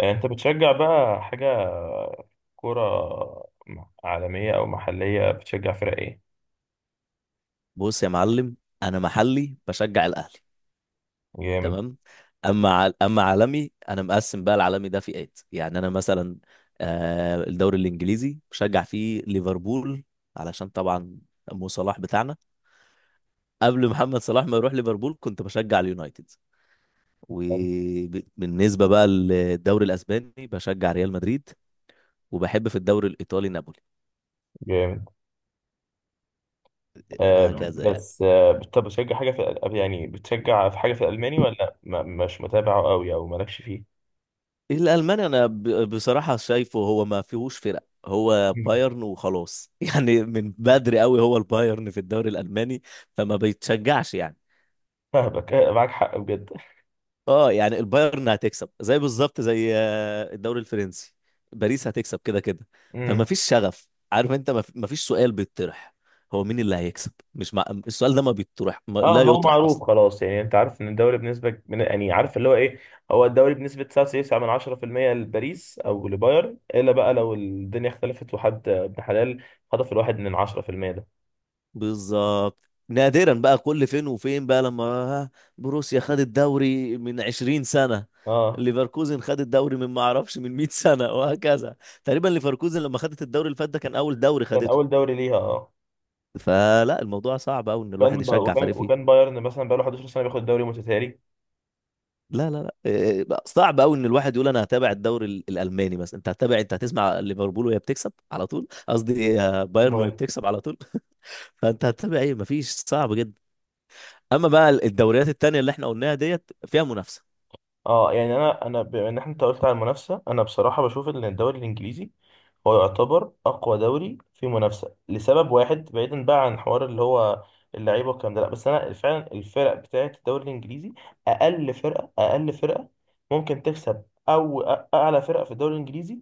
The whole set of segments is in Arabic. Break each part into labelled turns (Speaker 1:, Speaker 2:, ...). Speaker 1: آه، انت بتشجع بقى حاجة كرة، عالمية او محلية؟ بتشجع فرق ايه؟
Speaker 2: بص يا معلم. انا محلي بشجع الاهلي.
Speaker 1: جامد.
Speaker 2: تمام. اما عالمي انا مقسم بقى، العالمي ده فئات، يعني انا مثلا الدوري الانجليزي بشجع فيه ليفربول، علشان طبعا مو صلاح بتاعنا. قبل محمد صلاح ما يروح ليفربول كنت بشجع اليونايتد، وبالنسبه بقى للدوري الاسباني بشجع ريال مدريد، وبحب في الدوري الايطالي نابولي.
Speaker 1: جامد آه.
Speaker 2: هكذا يعني.
Speaker 1: بس طب بتشجع حاجة في يعني بتشجع في حاجة في الألماني، ولا ما مش متابعه قوي او مالكش فيه؟
Speaker 2: إيه، الالماني بصراحه شايفه هو ما فيهوش فرق، هو
Speaker 1: مم.
Speaker 2: بايرن وخلاص يعني من بدري قوي هو البايرن في الدوري الالماني، فما بيتشجعش يعني.
Speaker 1: فاهمك، معاك حق بجد.
Speaker 2: اه يعني البايرن هتكسب زي بالظبط زي الدوري الفرنسي، باريس هتكسب كده كده. فما
Speaker 1: امم.
Speaker 2: فيش شغف، عارف انت، ما فيش سؤال بيطرح هو مين اللي هيكسب. مش مع... السؤال ده ما بيطرح، ما...
Speaker 1: اه،
Speaker 2: لا
Speaker 1: هو
Speaker 2: يطرح
Speaker 1: معروف
Speaker 2: اصلا.
Speaker 1: خلاص، يعني انت عارف ان الدوري بنسبة، من يعني عارف اللي هو ايه. هو الدوري بنسبة 99 من 10% لباريس او لبايرن، الا بقى لو الدنيا اختلفت وحد ابن حلال خطف الواحد من 10%.
Speaker 2: بالظبط، نادرا بقى، كل فين وفين بقى لما بروسيا خد الدوري من 20 سنة.
Speaker 1: اه،
Speaker 2: ليفركوزن خد الدوري من، ما اعرفش، من 100 سنة وهكذا. تقريبا ليفركوزن لما خدت الدوري اللي فات ده كان اول دوري
Speaker 1: كان اول
Speaker 2: خدته.
Speaker 1: دوري ليها اه.
Speaker 2: فلا، الموضوع صعب قوي ان الواحد
Speaker 1: كان
Speaker 2: يشجع فريق
Speaker 1: وكان
Speaker 2: فيه.
Speaker 1: بايرن مثلا بقاله 11 سنه بياخد الدوري متتالي.
Speaker 2: لا لا لا، إيه، بقى صعب قوي ان الواحد يقول انا هتابع الدوري الالماني مثلا. انت هتابع، انت هتسمع ليفربول وهي بتكسب على طول، قصدي بايرن وهي
Speaker 1: بايرن.
Speaker 2: بتكسب على طول. فانت هتتابع ايه؟ مفيش. صعب جدا. اما بقى الدوريات التانية اللي احنا قلناها ديت، فيها منافسة.
Speaker 1: اه، يعني انا بما ان احنا، انت قلت على المنافسه، انا بصراحه بشوف ان الدوري الانجليزي هو يعتبر اقوى دوري في منافسه لسبب واحد، بعيدا بقى عن حوار اللي هو اللعيبه والكلام ده. لا، بس انا فعلا الفرق بتاعت الدوري الانجليزي، اقل فرقه، اقل فرقه ممكن تكسب، او اعلى فرقه في الدوري الانجليزي،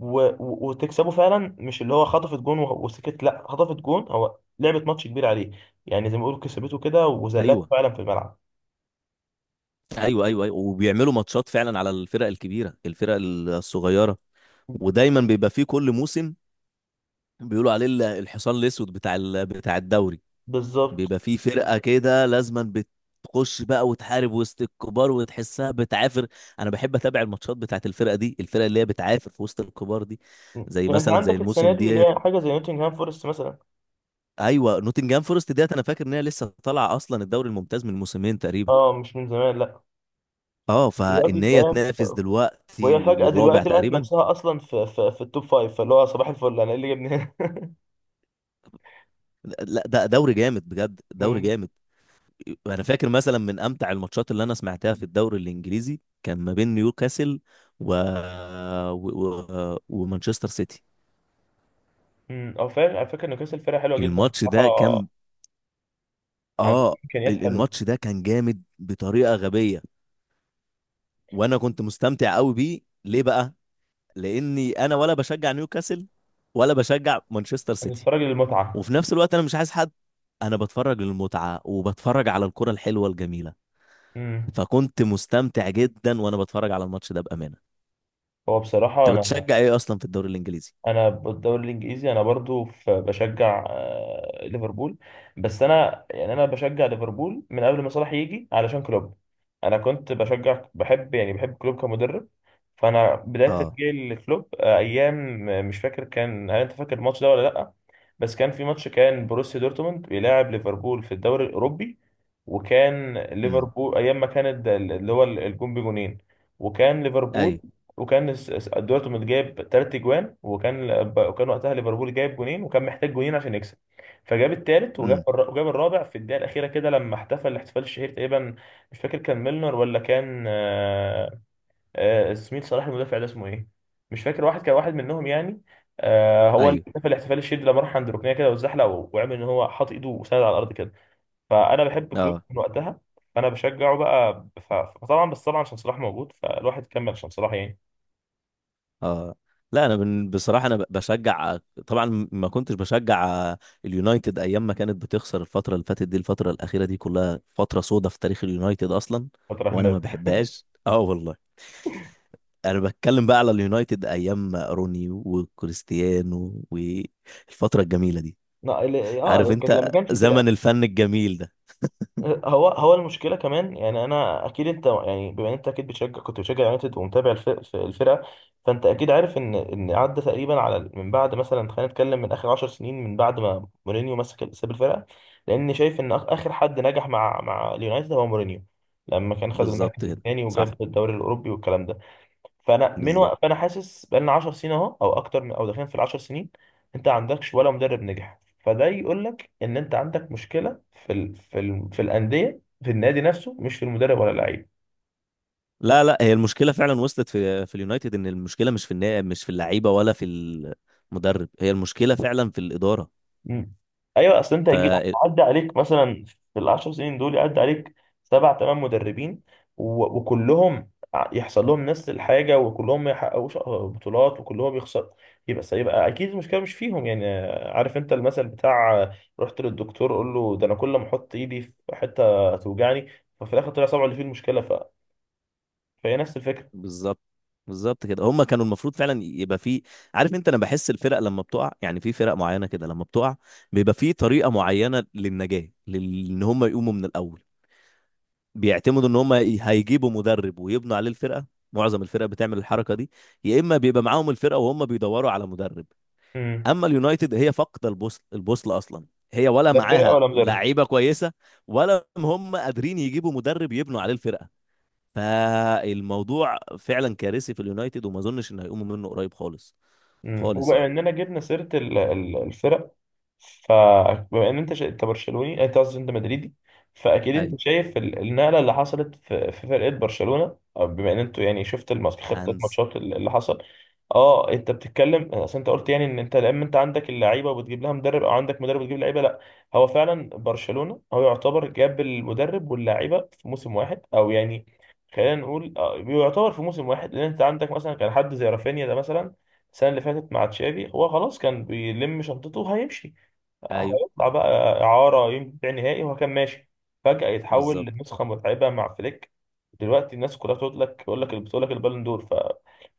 Speaker 1: و... و- وتكسبه فعلا. مش اللي هو خطفت جون وسكت، لا، خطفت جون، هو لعبت ماتش كبير عليه، يعني زي ما بيقولوا كسبته كده وذلته
Speaker 2: ايوه،
Speaker 1: فعلا في الملعب.
Speaker 2: ايوه، ايوه، ايوه، وبيعملوا ماتشات فعلا على الفرق الكبيره، الفرق الصغيره، ودايما بيبقى فيه كل موسم بيقولوا عليه الحصان الاسود بتاع بتاع الدوري.
Speaker 1: بالظبط.
Speaker 2: بيبقى فيه فرقه كده لازما بتخش بقى وتحارب وسط الكبار وتحسها بتعافر. انا بحب اتابع الماتشات بتاعت الفرقه دي، الفرقه اللي هي بتعافر في وسط الكبار دي، زي
Speaker 1: يعني انت
Speaker 2: مثلا زي
Speaker 1: عندك السنه
Speaker 2: الموسم
Speaker 1: دي اللي
Speaker 2: ديت.
Speaker 1: هي حاجه زي نوتنغهام فورست مثلا.
Speaker 2: ايوه، نوتنجهام فورست ديت انا فاكر ان هي لسه طالعه اصلا الدوري الممتاز من موسمين تقريبا.
Speaker 1: اه، مش من زمان، لا.
Speaker 2: اه،
Speaker 1: دلوقتي
Speaker 2: فان هي
Speaker 1: تلاقيها،
Speaker 2: تنافس دلوقتي،
Speaker 1: وهي فجأة
Speaker 2: والرابع
Speaker 1: دلوقتي لقت
Speaker 2: تقريبا.
Speaker 1: نفسها أصلا في التوب فايف، فاللي هو صباح الفل، أنا إيه اللي جابني هنا؟
Speaker 2: لا، ده دوري جامد بجد، دوري
Speaker 1: مم.
Speaker 2: جامد. انا فاكر مثلا من امتع الماتشات اللي انا سمعتها في الدوري الانجليزي كان ما بين نيوكاسل و... و... ومانشستر سيتي.
Speaker 1: مم. أو فعلا، على فكرة نيوكاسل فرقة حلوة جدا
Speaker 2: الماتش
Speaker 1: بصراحة،
Speaker 2: ده كان
Speaker 1: عندها
Speaker 2: اه
Speaker 1: إمكانيات حلوة.
Speaker 2: الماتش ده كان جامد بطريقة غبية، وانا كنت مستمتع قوي بيه. ليه بقى؟ لاني انا ولا بشجع نيوكاسل ولا بشجع مانشستر
Speaker 1: أنت
Speaker 2: سيتي،
Speaker 1: بتتفرج للمتعة.
Speaker 2: وفي نفس الوقت انا مش عايز حد. انا بتفرج للمتعة وبتفرج على الكرة الحلوة الجميلة،
Speaker 1: مم.
Speaker 2: فكنت مستمتع جدا وانا بتفرج على الماتش ده بامانه.
Speaker 1: هو بصراحة
Speaker 2: انت
Speaker 1: أنا،
Speaker 2: بتشجع ايه اصلا في الدوري الانجليزي؟
Speaker 1: انا بالدوري الانجليزي انا برضو في بشجع، ليفربول. بس انا، يعني انا بشجع ليفربول من قبل ما صلاح يجي علشان كلوب. انا كنت بشجع، بحب يعني بحب كلوب كمدرب. فانا بدايه
Speaker 2: اه،
Speaker 1: تشجيعي لكلوب ايام، مش فاكر كان، هل انت فاكر الماتش ده ولا لا؟ بس كان في ماتش كان بروسيا دورتموند بيلاعب ليفربول في الدوري الاوروبي. وكان
Speaker 2: امم،
Speaker 1: ليفربول ايام ما كانت اللي هو الجون بجونين. وكان ليفربول،
Speaker 2: ايوه،
Speaker 1: وكان دلوقتي كنت جايب تلات اجوان، وكان، وكان وقتها ليفربول جايب جونين وكان محتاج جونين عشان يكسب، فجاب التالت
Speaker 2: امم،
Speaker 1: وجاب الرابع في الدقيقه الاخيره كده لما احتفل الاحتفال الشهير تقريبا. مش فاكر كان ميلنر ولا كان زميل صلاح المدافع ده اسمه ايه، مش فاكر، واحد كان واحد منهم يعني. هو اللي
Speaker 2: ايوه،
Speaker 1: احتفل الاحتفال الشهير ده، لما راح عند ركنيه كده واتزحلق، وعمل ان هو حاط ايده وسند على الارض كده. فانا بحب كلوب
Speaker 2: اه،
Speaker 1: من وقتها. فانا بشجعه بقى، فطبعا، بس طبعا عشان صلاح موجود، فالواحد كمل عشان صلاح يعني.
Speaker 2: اه، لا انا بصراحه انا بشجع. طبعا ما كنتش بشجع اليونايتد ايام ما كانت بتخسر. الفتره اللي فاتت دي، الفتره الاخيره دي، كلها فتره سودة في تاريخ اليونايتد اصلا، وانا ما
Speaker 1: فتره.
Speaker 2: بحبهاش، اه والله. انا بتكلم بقى على اليونايتد ايام ما روني وكريستيانو والفتره الجميله دي،
Speaker 1: لا،
Speaker 2: عارف
Speaker 1: كانت لما
Speaker 2: انت،
Speaker 1: كانش الفرقه.
Speaker 2: زمن الفن الجميل ده.
Speaker 1: هو هو المشكله كمان، يعني انا اكيد انت، يعني بما ان انت اكيد بتشجع، كنت بتشجع يونايتد ومتابع الفرقه، فانت اكيد عارف ان عدى تقريبا على من بعد مثلا، خلينا نتكلم من اخر 10 سنين، من بعد ما مورينيو مسك ساب الفرقه. لان شايف ان اخر حد نجح مع اليونايتد هو مورينيو، لما كان خد
Speaker 2: بالظبط
Speaker 1: المركز
Speaker 2: كده،
Speaker 1: الثاني
Speaker 2: صح،
Speaker 1: وجاب الدوري الاوروبي والكلام ده. فانا من
Speaker 2: بالظبط.
Speaker 1: فانا حاسس بقالنا 10 سنين اهو، او اكتر، من او داخلين في ال 10 سنين. انت ما عندكش ولا مدرب نجح، فده يقول لك ان انت عندك مشكله في الانديه، في النادي نفسه، مش في المدرب ولا اللعيب.
Speaker 2: لا لا، هي المشكله فعلا وصلت في اليونايتد، ان المشكله مش في اللعيبه ولا في المدرب، هي المشكله فعلا في الاداره.
Speaker 1: مم. ايوه، اصل انت
Speaker 2: ف
Speaker 1: هتجيب، عدى عليك مثلا في العشر سنين دول، يعدي عليك سبع ثمان مدربين، وكلهم يحصل لهم نفس الحاجه، وكلهم ما يحققوش بطولات، وكلهم يخسروا، يبقى اكيد المشكله مش فيهم يعني. عارف انت المثل بتاع، رحت للدكتور قول له ده انا كل ما احط ايدي في حته توجعني، ففي الاخر طلع صبعه اللي فيه المشكله. فهي نفس الفكره.
Speaker 2: بالظبط، بالظبط كده. هم كانوا المفروض فعلا يبقى في، عارف انت، انا بحس الفرق لما بتقع يعني، في فرق معينه كده لما بتقع بيبقى في طريقه معينه للنجاه، ان هم يقوموا من الاول. بيعتمدوا ان هم هيجيبوا مدرب ويبنوا عليه الفرقه. معظم الفرق بتعمل الحركه دي، يا اما بيبقى معاهم الفرقه وهم بيدوروا على مدرب.
Speaker 1: مم.
Speaker 2: اما اليونايتد هي فاقده البوصل، البوصل اصلا. هي ولا
Speaker 1: لا فرقه
Speaker 2: معاها
Speaker 1: ولا مدرب.
Speaker 2: لعيبه كويسه، ولا هم قادرين يجيبوا مدرب يبنوا عليه الفرقه. فالموضوع فعلا كارثي في اليونايتد، وما اظنش ان هيقوموا منه قريب خالص.
Speaker 1: مم.
Speaker 2: خالص
Speaker 1: وبما
Speaker 2: يعني.
Speaker 1: اننا جبنا سيره الفرق، فبما ان انت انت برشلوني، انت قصدي انت مدريدي، فاكيد انت
Speaker 2: ايوه،
Speaker 1: شايف النقله اللي حصلت في فرقه برشلونه، أو بما ان انتوا يعني شفت الماتش، خطه
Speaker 2: هانز،
Speaker 1: ماتشات اللي حصل. اه، انت بتتكلم، اصل انت قلت يعني ان انت لما انت عندك اللعيبه وبتجيب لها مدرب، او عندك مدرب وتجيب لعيبه. لا، هو فعلا برشلونه هو يعتبر جاب المدرب واللعيبه في موسم واحد، او يعني خلينا نقول، يعتبر في موسم واحد، لان انت عندك مثلا كان حد زي رافينيا ده مثلا. السنه اللي فاتت مع تشافي هو خلاص كان بيلم شنطته وهيمشي،
Speaker 2: ايوه،
Speaker 1: هيطلع بقى إعارة، ينبيع نهائي، وهو كان ماشي. فجأة يتحول
Speaker 2: بالظبط.
Speaker 1: لنسخة متعبة مع فليك. دلوقتي الناس كلها تقول لك، تقول لك بتقول لك البالون دور.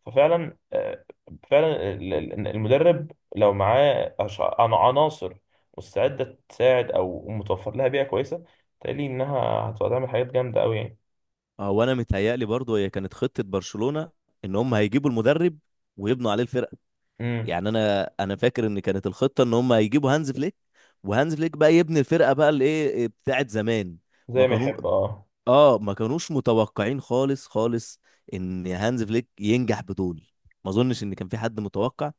Speaker 1: ففعلا، فعلا المدرب لو معاه عناصر مستعدة تساعد، أو متوفر لها بيئة كويسة، تقلي إنها هتبقى تعمل حاجات جامدة أوي يعني.
Speaker 2: هو انا متهيألي برضو هي كانت خطه برشلونه ان هم هيجيبوا المدرب ويبنوا عليه الفرقه.
Speaker 1: امم.
Speaker 2: يعني انا فاكر ان كانت الخطه ان هم هيجيبوا هانز فليك، وهانز فليك بقى يبني الفرقه بقى الايه بتاعت زمان. ما
Speaker 1: زي ما
Speaker 2: كانوا،
Speaker 1: يحب اه.
Speaker 2: اه ما كانوش متوقعين خالص خالص ان هانز فليك ينجح بدول. ما اظنش ان كان في حد متوقع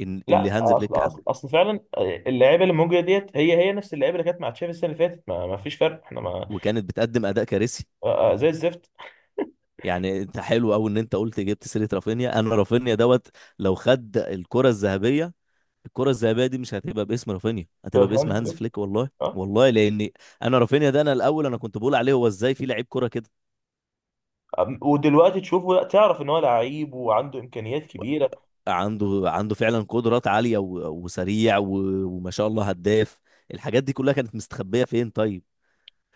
Speaker 2: ان اللي
Speaker 1: لا،
Speaker 2: هانز
Speaker 1: اصل
Speaker 2: فليك
Speaker 1: اصل
Speaker 2: عمله
Speaker 1: اصل فعلا اللعيبه اللي موجوده ديت هي هي نفس اللعيبه اللي كانت مع تشافي السنه اللي فاتت، ما فيش فرق، احنا ما،
Speaker 2: وكانت بتقدم اداء كارثي.
Speaker 1: زي الزفت.
Speaker 2: يعني انت حلو قوي ان انت قلت جبت سيره رافينيا. انا رافينيا دوت لو خد الكره الذهبيه، الكره الذهبيه دي مش هتبقى باسم رافينيا، هتبقى باسم
Speaker 1: فاهم
Speaker 2: هانز
Speaker 1: فليك.
Speaker 2: فليك، والله
Speaker 1: اه.
Speaker 2: والله. لان انا رافينيا ده، انا الاول انا كنت بقول عليه هو ازاي في لعيب كره كده.
Speaker 1: ودلوقتي تشوفه، لا تعرف ان هو لعيب وعنده امكانيات كبيره.
Speaker 2: عنده فعلا قدرات عالية، وسريع، وما شاء الله هداف. الحاجات دي كلها كانت مستخبية فين طيب؟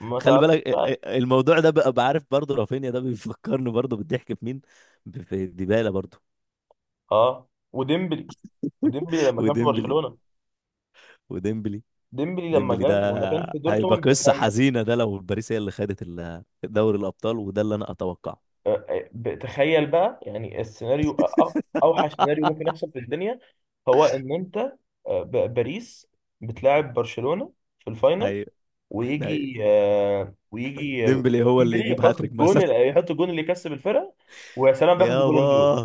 Speaker 1: ما
Speaker 2: خلي
Speaker 1: تعرفش
Speaker 2: بالك،
Speaker 1: بقى.
Speaker 2: الموضوع ده بقى، بعرف برضه رافينيا ده بيفكرني برضه بالضحك في مين؟ في ديبالا برضه.
Speaker 1: اه وديمبلي، وديمبلي لما كان في
Speaker 2: وديمبلي،
Speaker 1: برشلونه.
Speaker 2: وديمبلي.
Speaker 1: ديمبلي
Speaker 2: ديمبلي
Speaker 1: لما كان
Speaker 2: ده
Speaker 1: في
Speaker 2: هيبقى
Speaker 1: دورتموند ده
Speaker 2: قصة
Speaker 1: كان،
Speaker 2: حزينة ده لو باريس هي اللي خدت دوري الأبطال، وده اللي أنا أتوقعه.
Speaker 1: تخيل بقى يعني السيناريو، أ- اوحش سيناريو ممكن يحصل في الدنيا هو ان انت، باريس بتلاعب برشلونه في الفاينل،
Speaker 2: ايوه، ايوه،
Speaker 1: ويجي،
Speaker 2: ديمبلي هو اللي
Speaker 1: ديمبلي
Speaker 2: يجيب
Speaker 1: يحط
Speaker 2: هاتريك
Speaker 1: الجون،
Speaker 2: مثلا.
Speaker 1: يحط الجون اللي يكسب الفرقه، ويا سلام بياخد
Speaker 2: يابا،
Speaker 1: البالون دور.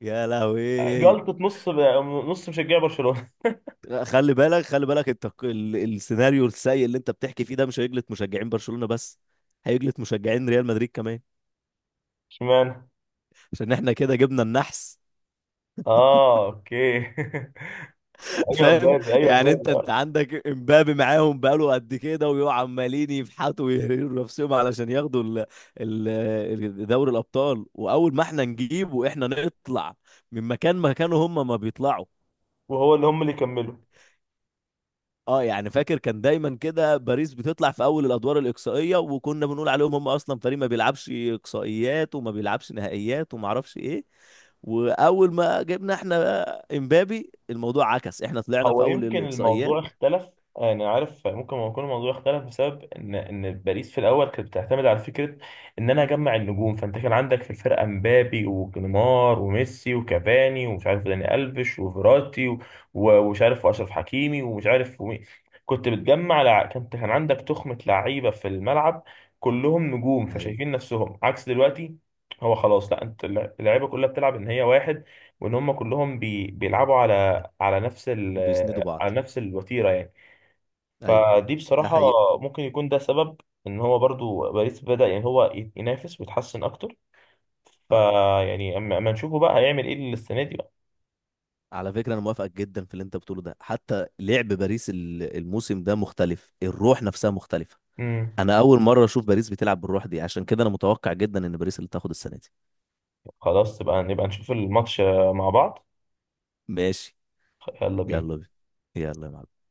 Speaker 2: يا لهوي.
Speaker 1: جلطة نص مشجع برشلونة.
Speaker 2: خلي بالك، خلي بالك، انت السيناريو السيء اللي انت بتحكي فيه ده مش هيجلط مشجعين برشلونة بس، هيجلط مشجعين ريال مدريد كمان،
Speaker 1: اشمعنى؟
Speaker 2: عشان احنا كده جبنا النحس.
Speaker 1: اه، اوكي. ايوه
Speaker 2: فاهم.
Speaker 1: مبابي، ايوه
Speaker 2: يعني انت
Speaker 1: مبابي
Speaker 2: انت
Speaker 1: آه.
Speaker 2: عندك امبابي معاهم بقاله قد كده، ويقعوا عمالين يفحطوا ويهريروا نفسهم علشان ياخدوا ال دوري الابطال، واول ما احنا نجيبه احنا نطلع من مكان، مكانه هم ما بيطلعوا.
Speaker 1: وهو اللي هم اللي كملوا.
Speaker 2: اه يعني فاكر كان دايما كده باريس بتطلع في اول الادوار الاقصائيه، وكنا بنقول عليهم هم اصلا فريق ما بيلعبش اقصائيات وما بيلعبش نهائيات وما اعرفش ايه. واول ما جبنا احنا بقى امبابي الموضوع عكس، احنا طلعنا
Speaker 1: هو
Speaker 2: في اول
Speaker 1: يمكن
Speaker 2: الاقصائيات.
Speaker 1: الموضوع اختلف، انا عارف ممكن يكون الموضوع اختلف بسبب ان باريس في الاول كانت بتعتمد على فكره ان انا اجمع النجوم، فانت كان عندك في الفرقه مبابي ونيمار وميسي وكافاني، ومش عارف داني الفيش وفيراتي، ومش عارف واشرف حكيمي، ومش عارف ومين. كنت بتجمع لع... كنت كان عندك تخمه لعيبه في الملعب، كلهم نجوم
Speaker 2: ايوه،
Speaker 1: فشايفين نفسهم عكس دلوقتي. هو خلاص، لا انت، اللعيبه كلها بتلعب ان هي واحد، وان هم كلهم بيلعبوا على، على نفس ال
Speaker 2: بيسندوا بعض،
Speaker 1: على نفس الوتيرة يعني.
Speaker 2: ايوه
Speaker 1: فدي
Speaker 2: ده
Speaker 1: بصراحة
Speaker 2: حقيقة.
Speaker 1: ممكن يكون ده سبب ان هو برضو باريس بدأ يعني هو ينافس ويتحسن اكتر.
Speaker 2: أه،
Speaker 1: فيعني أما نشوفه بقى هيعمل ايه السنة دي بقى.
Speaker 2: على فكرة أنا موافقك جدا في اللي أنت بتقوله ده، حتى لعب باريس الموسم ده مختلف، الروح نفسها مختلفة.
Speaker 1: امم.
Speaker 2: أنا أول مرة أشوف باريس بتلعب بالروح دي، عشان كده أنا متوقع جدا إن باريس اللي تاخد السنة دي.
Speaker 1: خلاص، نبقى نشوف الماتش مع بعض.
Speaker 2: ماشي.
Speaker 1: يلا بينا.
Speaker 2: يلا يلا يا معلم.